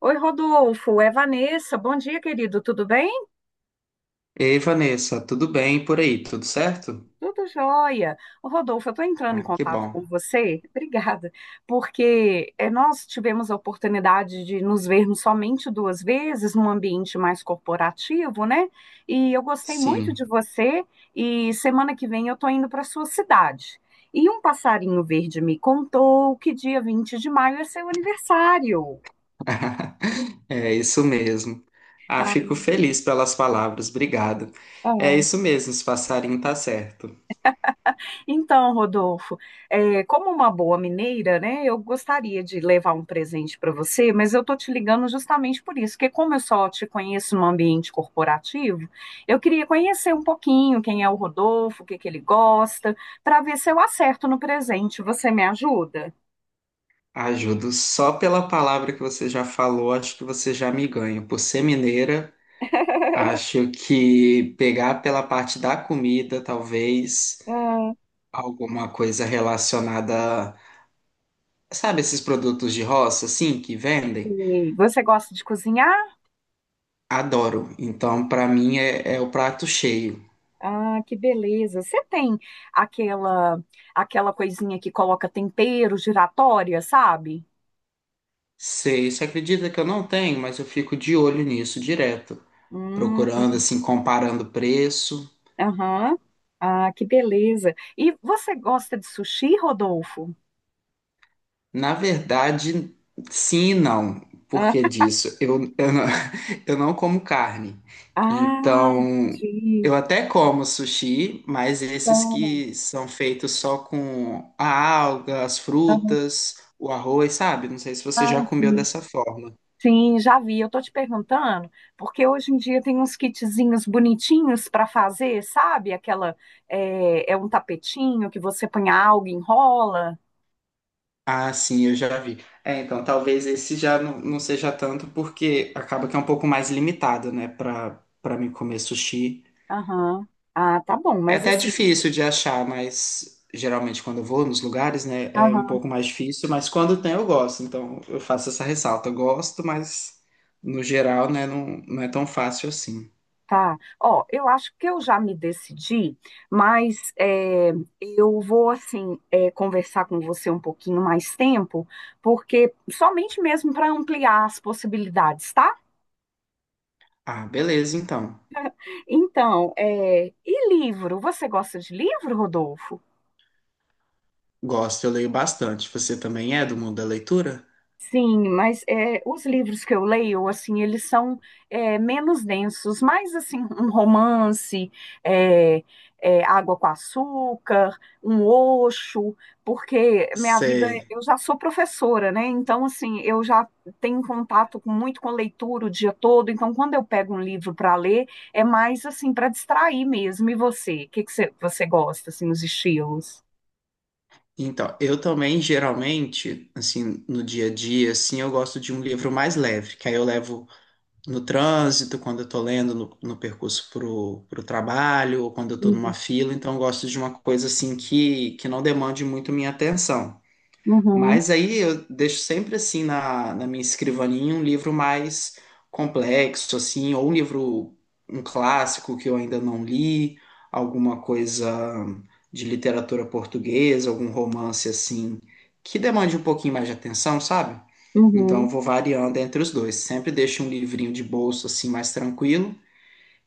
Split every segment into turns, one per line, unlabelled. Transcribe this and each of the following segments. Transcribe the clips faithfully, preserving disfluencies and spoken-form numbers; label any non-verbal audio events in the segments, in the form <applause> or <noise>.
Oi, Rodolfo, é Vanessa. Bom dia, querido. Tudo bem?
Ei, Vanessa, tudo bem por aí? Tudo certo?
Tudo jóia. Ô, Rodolfo, eu estou entrando em
Ah, que
contato
bom.
com você, <laughs> obrigada, porque eh, nós tivemos a oportunidade de nos vermos somente duas vezes num ambiente mais corporativo, né? E eu gostei muito de
Sim,
você. E semana que vem eu estou indo para sua cidade. E um passarinho verde me contou que dia vinte de maio é seu aniversário.
<laughs> é isso mesmo. Ah, fico feliz pelas palavras, obrigado. É
Ah,
isso mesmo, esse passarinho tá certo.
então, Rodolfo, é, como uma boa mineira, né, eu gostaria de levar um presente para você, mas eu tô te ligando justamente por isso, porque como eu só te conheço no ambiente corporativo, eu queria conhecer um pouquinho quem é o Rodolfo, o que que ele gosta, para ver se eu acerto no presente. Você me ajuda?
Ajudo só pela palavra que você já falou, acho que você já me ganha. Por ser mineira, acho que pegar pela parte da comida, talvez
Ah,
alguma coisa relacionada, sabe, esses produtos de roça, assim, que vendem?
e você gosta de cozinhar?
Adoro. Então, pra mim, é, é o prato cheio.
Ah, que beleza. Você tem aquela aquela coisinha que coloca tempero giratória, sabe?
Sei, você acredita que eu não tenho, mas eu fico de olho nisso direto,
Hum.
procurando, assim, comparando preço.
Aham. Ah, que beleza. E você gosta de sushi, Rodolfo?
Na verdade, sim e não. Por
Ah,
que disso eu, eu não, <laughs> eu não como carne.
ah,
Então,
entendi.
eu até como sushi, mas esses
Então,
que são feitos só com a alga, as frutas, o arroz, sabe? Não sei se você
ah,
já comeu
sim.
dessa forma.
Sim, já vi. Eu tô te perguntando, porque hoje em dia tem uns kitzinhos bonitinhos para fazer, sabe? Aquela é, é um tapetinho que você põe algo, enrola.
Ah, sim, eu já vi. É, então, talvez esse já não, não seja tanto, porque acaba que é um pouco mais limitado, né, pra, pra mim comer sushi.
Aham. Ah, tá bom,
É
mas
até
assim.
difícil de achar, mas geralmente quando eu vou nos lugares, né, é um pouco mais difícil, mas quando tem eu gosto, então eu faço essa ressalta. Eu gosto, mas no geral, né, não, não é tão fácil assim.
Tá. Ó, eu acho que eu já me decidi, mas é, eu vou, assim, é, conversar com você um pouquinho mais tempo, porque somente mesmo para ampliar as possibilidades, tá?
Ah, beleza, então.
Então, é, e livro? Você gosta de livro, Rodolfo?
Gosto, eu leio bastante. Você também é do mundo da leitura?
Sim, mas é, os livros que eu leio, assim, eles são é, menos densos, mais assim, <laughs> um romance, é, é, água com açúcar, um Osho, porque minha vida,
Sei.
eu já sou professora, né? Então, assim, eu já tenho contato com- muito com leitura o dia todo, então quando eu pego um livro para ler, é mais assim, para distrair mesmo. E você? O que que você, você gosta, assim, os estilos?
Então, eu também, geralmente, assim, no dia a dia, assim, eu gosto de um livro mais leve, que aí eu levo no trânsito, quando eu tô lendo no, no percurso pro, pro trabalho, ou quando eu tô numa
Uhum.
fila, então eu gosto de uma coisa, assim, que, que não demande muito minha atenção.
Uhum,
Mas aí eu deixo sempre assim na, na minha escrivaninha um livro mais complexo, assim, ou um livro, um clássico que eu ainda não li, alguma coisa de literatura portuguesa, algum romance assim, que demande um pouquinho mais de atenção, sabe? Então
uhum,
eu vou variando entre os dois. Sempre deixo um livrinho de bolso assim mais tranquilo,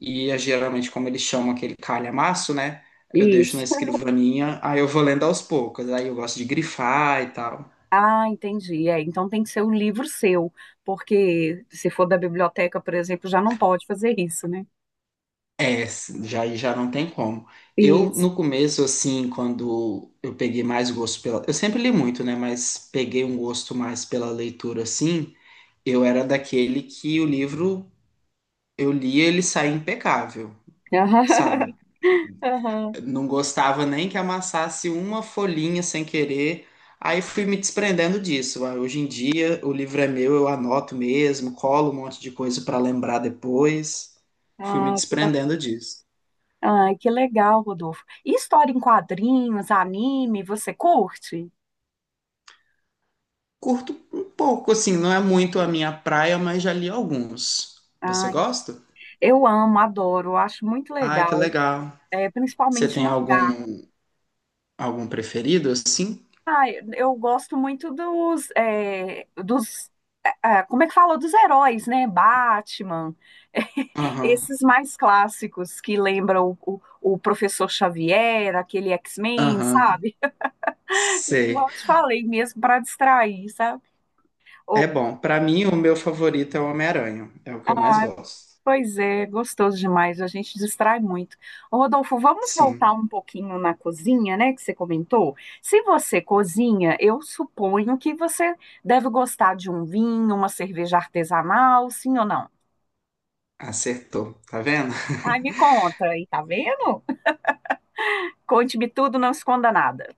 e eh, geralmente, como eles chamam aquele calhamaço, né? Eu deixo na
isso.
escrivaninha, aí eu vou lendo aos poucos, aí eu gosto de grifar e tal.
Ah, entendi. É, então tem que ser um livro seu, porque se for da biblioteca, por exemplo, já não pode fazer isso, né?
É, já, já não tem como. Eu,
Isso.
no começo, assim, quando eu peguei mais gosto pela. Eu sempre li muito, né? Mas peguei um gosto mais pela leitura, assim. Eu era daquele que o livro eu lia, ele saía impecável, sabe?
<laughs> Aham.
Não gostava nem que amassasse uma folhinha sem querer. Aí fui me desprendendo disso. Aí, hoje em dia, o livro é meu, eu anoto mesmo, colo um monte de coisa para lembrar depois. Fui me
Ah, que bacana.
desprendendo disso.
Ai, que legal, Rodolfo. E história em quadrinhos, anime, você curte?
Curto um pouco, assim, não é muito a minha praia, mas já li alguns. Você
Ai,
gosta?
eu amo, adoro, eu acho muito
Ai, que
legal,
legal.
é,
Você
principalmente
tem
mangá.
algum algum preferido assim?
Ai, eu gosto muito dos, é, dos, é, é, como é que fala? Dos heróis, né? Batman. <laughs>
Aham.
Esses mais clássicos que lembram o, o, o professor Xavier, aquele X-Men,
Aham.
sabe? <laughs>
Sei.
Igual eu te falei mesmo, para distrair, sabe?
É
Ou-
bom. Pra mim, o meu favorito é o Homem-Aranha. É o que eu mais gosto.
Pois é, gostoso demais, a gente distrai muito. Ô, Rodolfo, vamos voltar
Sim,
um pouquinho na cozinha, né, que você comentou? Se você cozinha, eu suponho que você deve gostar de um vinho, uma cerveja artesanal, sim ou não?
acertou. Tá vendo?
Ai,
<laughs>
me conta aí, tá vendo? Conte-me tudo, não esconda nada.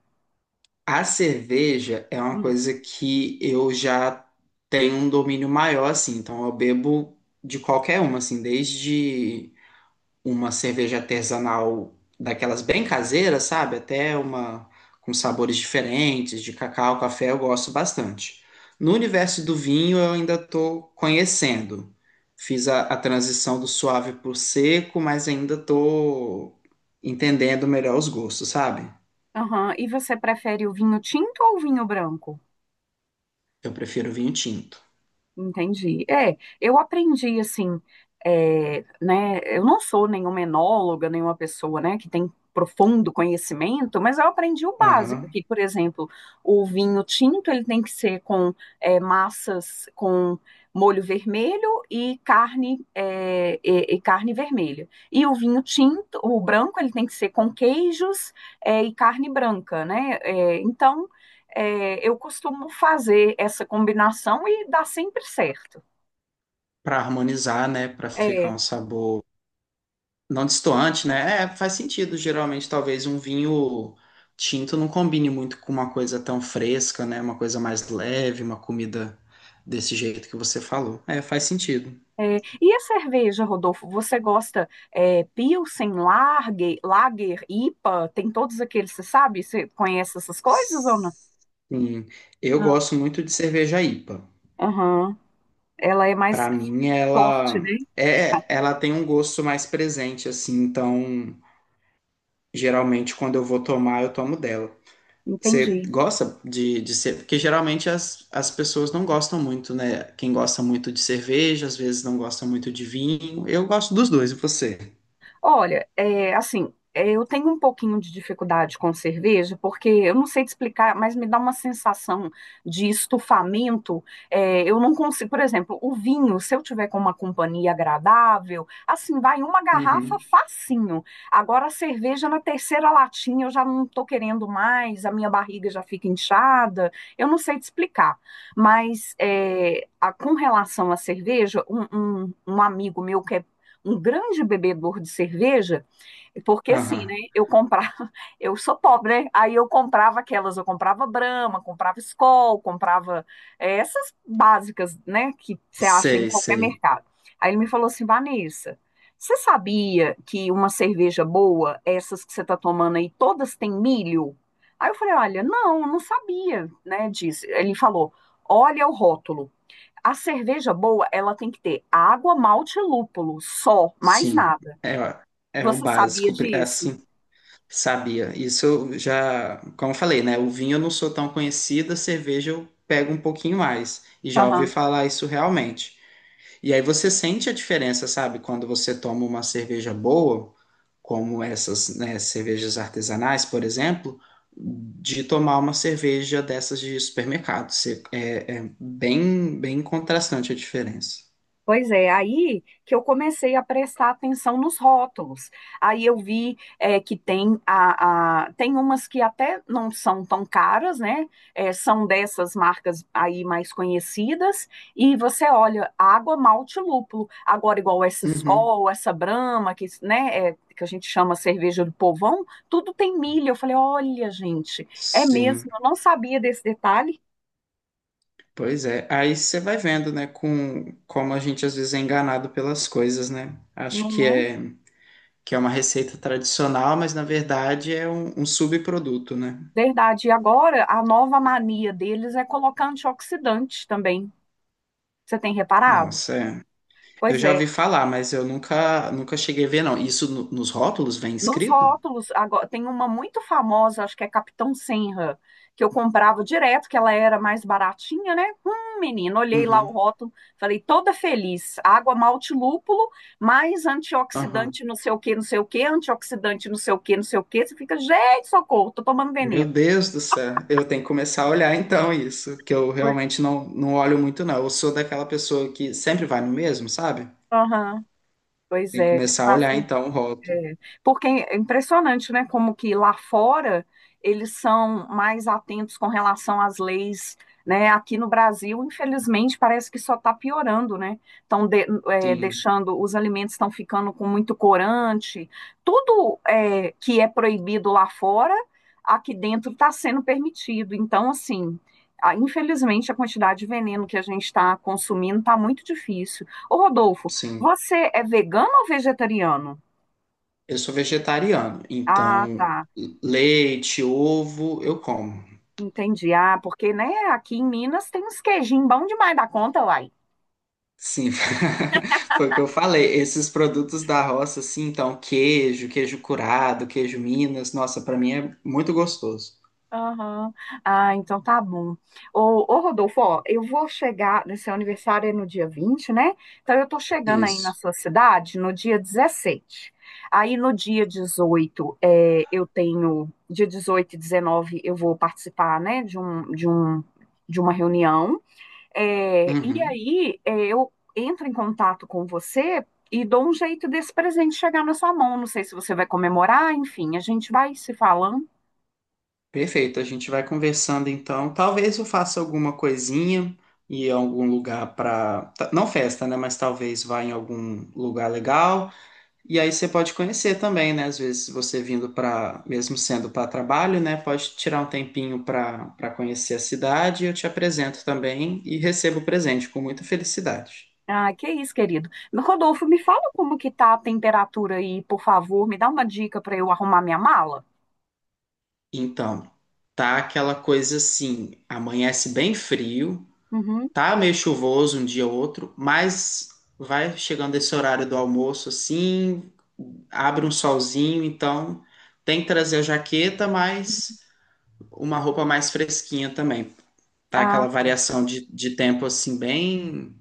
A cerveja é uma coisa que eu já tenho um domínio maior, assim. Então, eu bebo de qualquer uma, assim, desde uma cerveja artesanal daquelas bem caseiras, sabe? Até uma com sabores diferentes, de cacau, café, eu gosto bastante. No universo do vinho, eu ainda estou conhecendo. Fiz a, a transição do suave para o seco, mas ainda estou entendendo melhor os gostos, sabe?
Aham. E você prefere o vinho tinto ou o vinho branco?
Eu prefiro vinho tinto.
Entendi. É, eu aprendi assim, é, né? Eu não sou nenhuma enóloga, nenhuma pessoa, né, que tem profundo conhecimento, mas eu aprendi o básico,
Aham.
que, por exemplo, o vinho tinto ele tem que ser com é, massas com molho vermelho e carne é, e, e carne vermelha. E o vinho tinto, o branco, ele tem que ser com queijos é, e carne branca, né? É, então é, eu costumo fazer essa combinação e dá sempre certo.
Para harmonizar, né? Para ficar
É,
um sabor não destoante, né? É, faz sentido. Geralmente, talvez um vinho tinto não combine muito com uma coisa tão fresca, né? Uma coisa mais leve, uma comida desse jeito que você falou. É, faz sentido.
é. E a cerveja, Rodolfo, você gosta é, Pilsen, Lager, Lager, I P A, tem todos aqueles, você sabe? Você conhece essas coisas ou não?
Sim. Eu
Não.
gosto muito de cerveja I P A.
Aham. Ela é mais
Para mim,
forte,
ela
né?
é, ela tem um gosto mais presente, assim. Então, geralmente, quando eu vou tomar, eu tomo dela. Você
Entendi.
gosta de, de ser. Porque geralmente as, as pessoas não gostam muito, né? Quem gosta muito de cerveja, às vezes não gosta muito de vinho. Eu gosto dos dois, e você?
Olha, é, assim, é, eu tenho um pouquinho de dificuldade com cerveja, porque eu não sei te explicar, mas me dá uma sensação de estufamento. É, eu não consigo, por exemplo, o vinho, se eu tiver com uma companhia agradável, assim, vai uma garrafa
Uhum.
facinho. Agora, a cerveja na terceira latinha eu já não tô querendo mais, a minha barriga já fica inchada. Eu não sei te explicar, mas é, a- com relação à cerveja, um, um um amigo meu que é um grande bebedor de cerveja, porque assim, né?
Aham.
Eu comprava, <laughs> eu sou pobre, né? Aí eu comprava aquelas, eu comprava Brahma, comprava Skol, comprava é, essas básicas, né? Que você acha em
Sei,
qualquer
sei.
mercado. Aí ele me falou assim, Vanessa, você sabia que uma cerveja boa, essas que você está tomando aí, todas têm milho? Aí eu falei, olha, não, não sabia, né? Disse. Ele falou, olha o rótulo. A cerveja boa, ela tem que ter água, malte e lúpulo, só, mais
Sim.
nada.
É, ó, é o
Você sabia
básico. pri- é
disso?
Assim, sabia. Isso eu já. Como eu falei, né? O vinho eu não sou tão conhecida, cerveja eu pego um pouquinho mais. E já ouvi falar isso realmente. E aí você sente a diferença, sabe? Quando você toma uma cerveja boa, como essas, né, cervejas artesanais, por exemplo, de tomar uma cerveja dessas de supermercado. Você- é, é bem, bem contrastante a diferença.
Pois é, aí que eu comecei a prestar atenção nos rótulos. Aí eu vi é, que tem a, a- tem umas que até não são tão caras, né? É, são dessas marcas aí mais conhecidas. E você olha, água, malte, lúpulo. Agora, igual essa
Uhum.
Skol, essa Brahma, que, né, é, que a gente chama cerveja do povão, tudo tem milho. Eu falei, olha, gente, é
Sim,
mesmo, eu não sabia desse detalhe,
pois é. Aí você vai vendo, né, com como a gente às vezes é enganado pelas coisas, né? Acho que
não é?
é que é uma receita tradicional, mas na verdade é um, um subproduto, né?
Verdade. E agora, a nova mania deles é colocar antioxidante também. Você tem reparado?
Nossa, é. Eu
Pois
já
é.
ouvi falar, mas eu nunca, nunca cheguei a ver, não. Isso no- nos rótulos vem
Nos
escrito?
rótulos, agora, tem uma muito famosa, acho que é Capitão Senra, que eu comprava direto, que ela era mais baratinha, né? Hum, menino, olhei lá o
Uhum,
rótulo, falei, toda feliz. Água malte lúpulo, mais
aham.
antioxidante não sei o que, não sei o que, antioxidante não sei o que, não sei o que. Você fica, gente, socorro, tô tomando
Meu
veneno.
Deus do céu, eu tenho que começar a olhar então isso, que eu
Pois,
realmente não, não olho muito, não. Eu sou daquela pessoa que sempre vai no mesmo, sabe?
aham, pois
Tem que
é.
começar a olhar então o rótulo.
É, porque é impressionante, né? Como que lá fora eles são mais atentos com relação às leis, né? Aqui no Brasil, infelizmente, parece que só está piorando, né? Estão de- é,
Sim,
deixando, os alimentos estão ficando com muito corante, tudo é, que é proibido lá fora, aqui dentro está sendo permitido. Então, assim. a- Infelizmente, a quantidade de veneno que a gente está consumindo está muito difícil. Ô Rodolfo,
sim.
você é vegano ou vegetariano?
Eu sou vegetariano,
Ah,
então
tá.
leite, ovo, eu como.
Entendi. Ah, porque, né, aqui em Minas tem uns queijinhos bom demais da conta, uai.
Sim, <laughs> foi o que eu falei. Esses produtos da roça, assim, então, queijo, queijo curado, queijo Minas, nossa, pra mim é muito gostoso.
Aham. Ah, então tá bom. Ô, ô, Rodolfo, ó, eu vou chegar, nesse aniversário é no dia vinte, né? Então eu tô chegando aí na
Isso.
sua cidade no dia dezessete. Aí no dia dezoito é, eu tenho, dia dezoito e dezenove, eu vou participar, né, de um, de um, de uma reunião. É, e
Uhum.
aí, é, eu entro em contato com você e dou um jeito desse presente chegar na sua mão. Não sei se você vai comemorar, enfim, a gente vai se falando.
Perfeito, a gente vai conversando então. Talvez eu faça alguma coisinha e algum lugar para não festa, né? Mas talvez vá em algum lugar legal. E aí você pode conhecer também, né? Às vezes você vindo para, mesmo sendo para trabalho, né? Pode tirar um tempinho para para conhecer a cidade. Eu te apresento também e recebo o presente com muita felicidade.
Ah, que isso, querido. Rodolfo, me fala como que tá a temperatura aí, por favor. Me dá uma dica para eu arrumar minha mala?
Então, tá aquela coisa assim, amanhece bem frio,
Uhum.
tá meio chuvoso um dia ou outro, mas vai chegando esse horário do almoço assim, abre um solzinho, então tem que trazer a jaqueta, mas uma roupa mais fresquinha também. Tá
Ah,
aquela
tá.
variação de, de tempo assim, bem,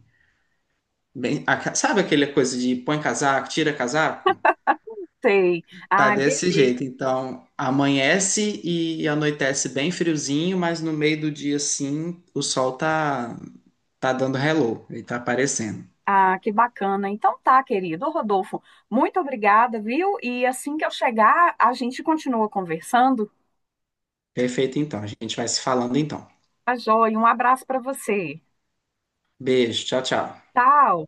bem. aca- Sabe aquela coisa de põe casaco, tira casaco?
Sei.
Tá
Ah,
desse
beleza.
jeito. Então, amanhece e anoitece bem friozinho, mas no meio do dia, assim, o sol tá, tá dando hello, ele tá aparecendo.
Ah, que bacana. Então tá, querido. Ô, Rodolfo, muito obrigada, viu? E assim que eu chegar, a gente continua conversando.
Perfeito, então. A gente vai se falando então.
Tá joia. Um abraço para você.
Beijo, tchau, tchau.
Tchau.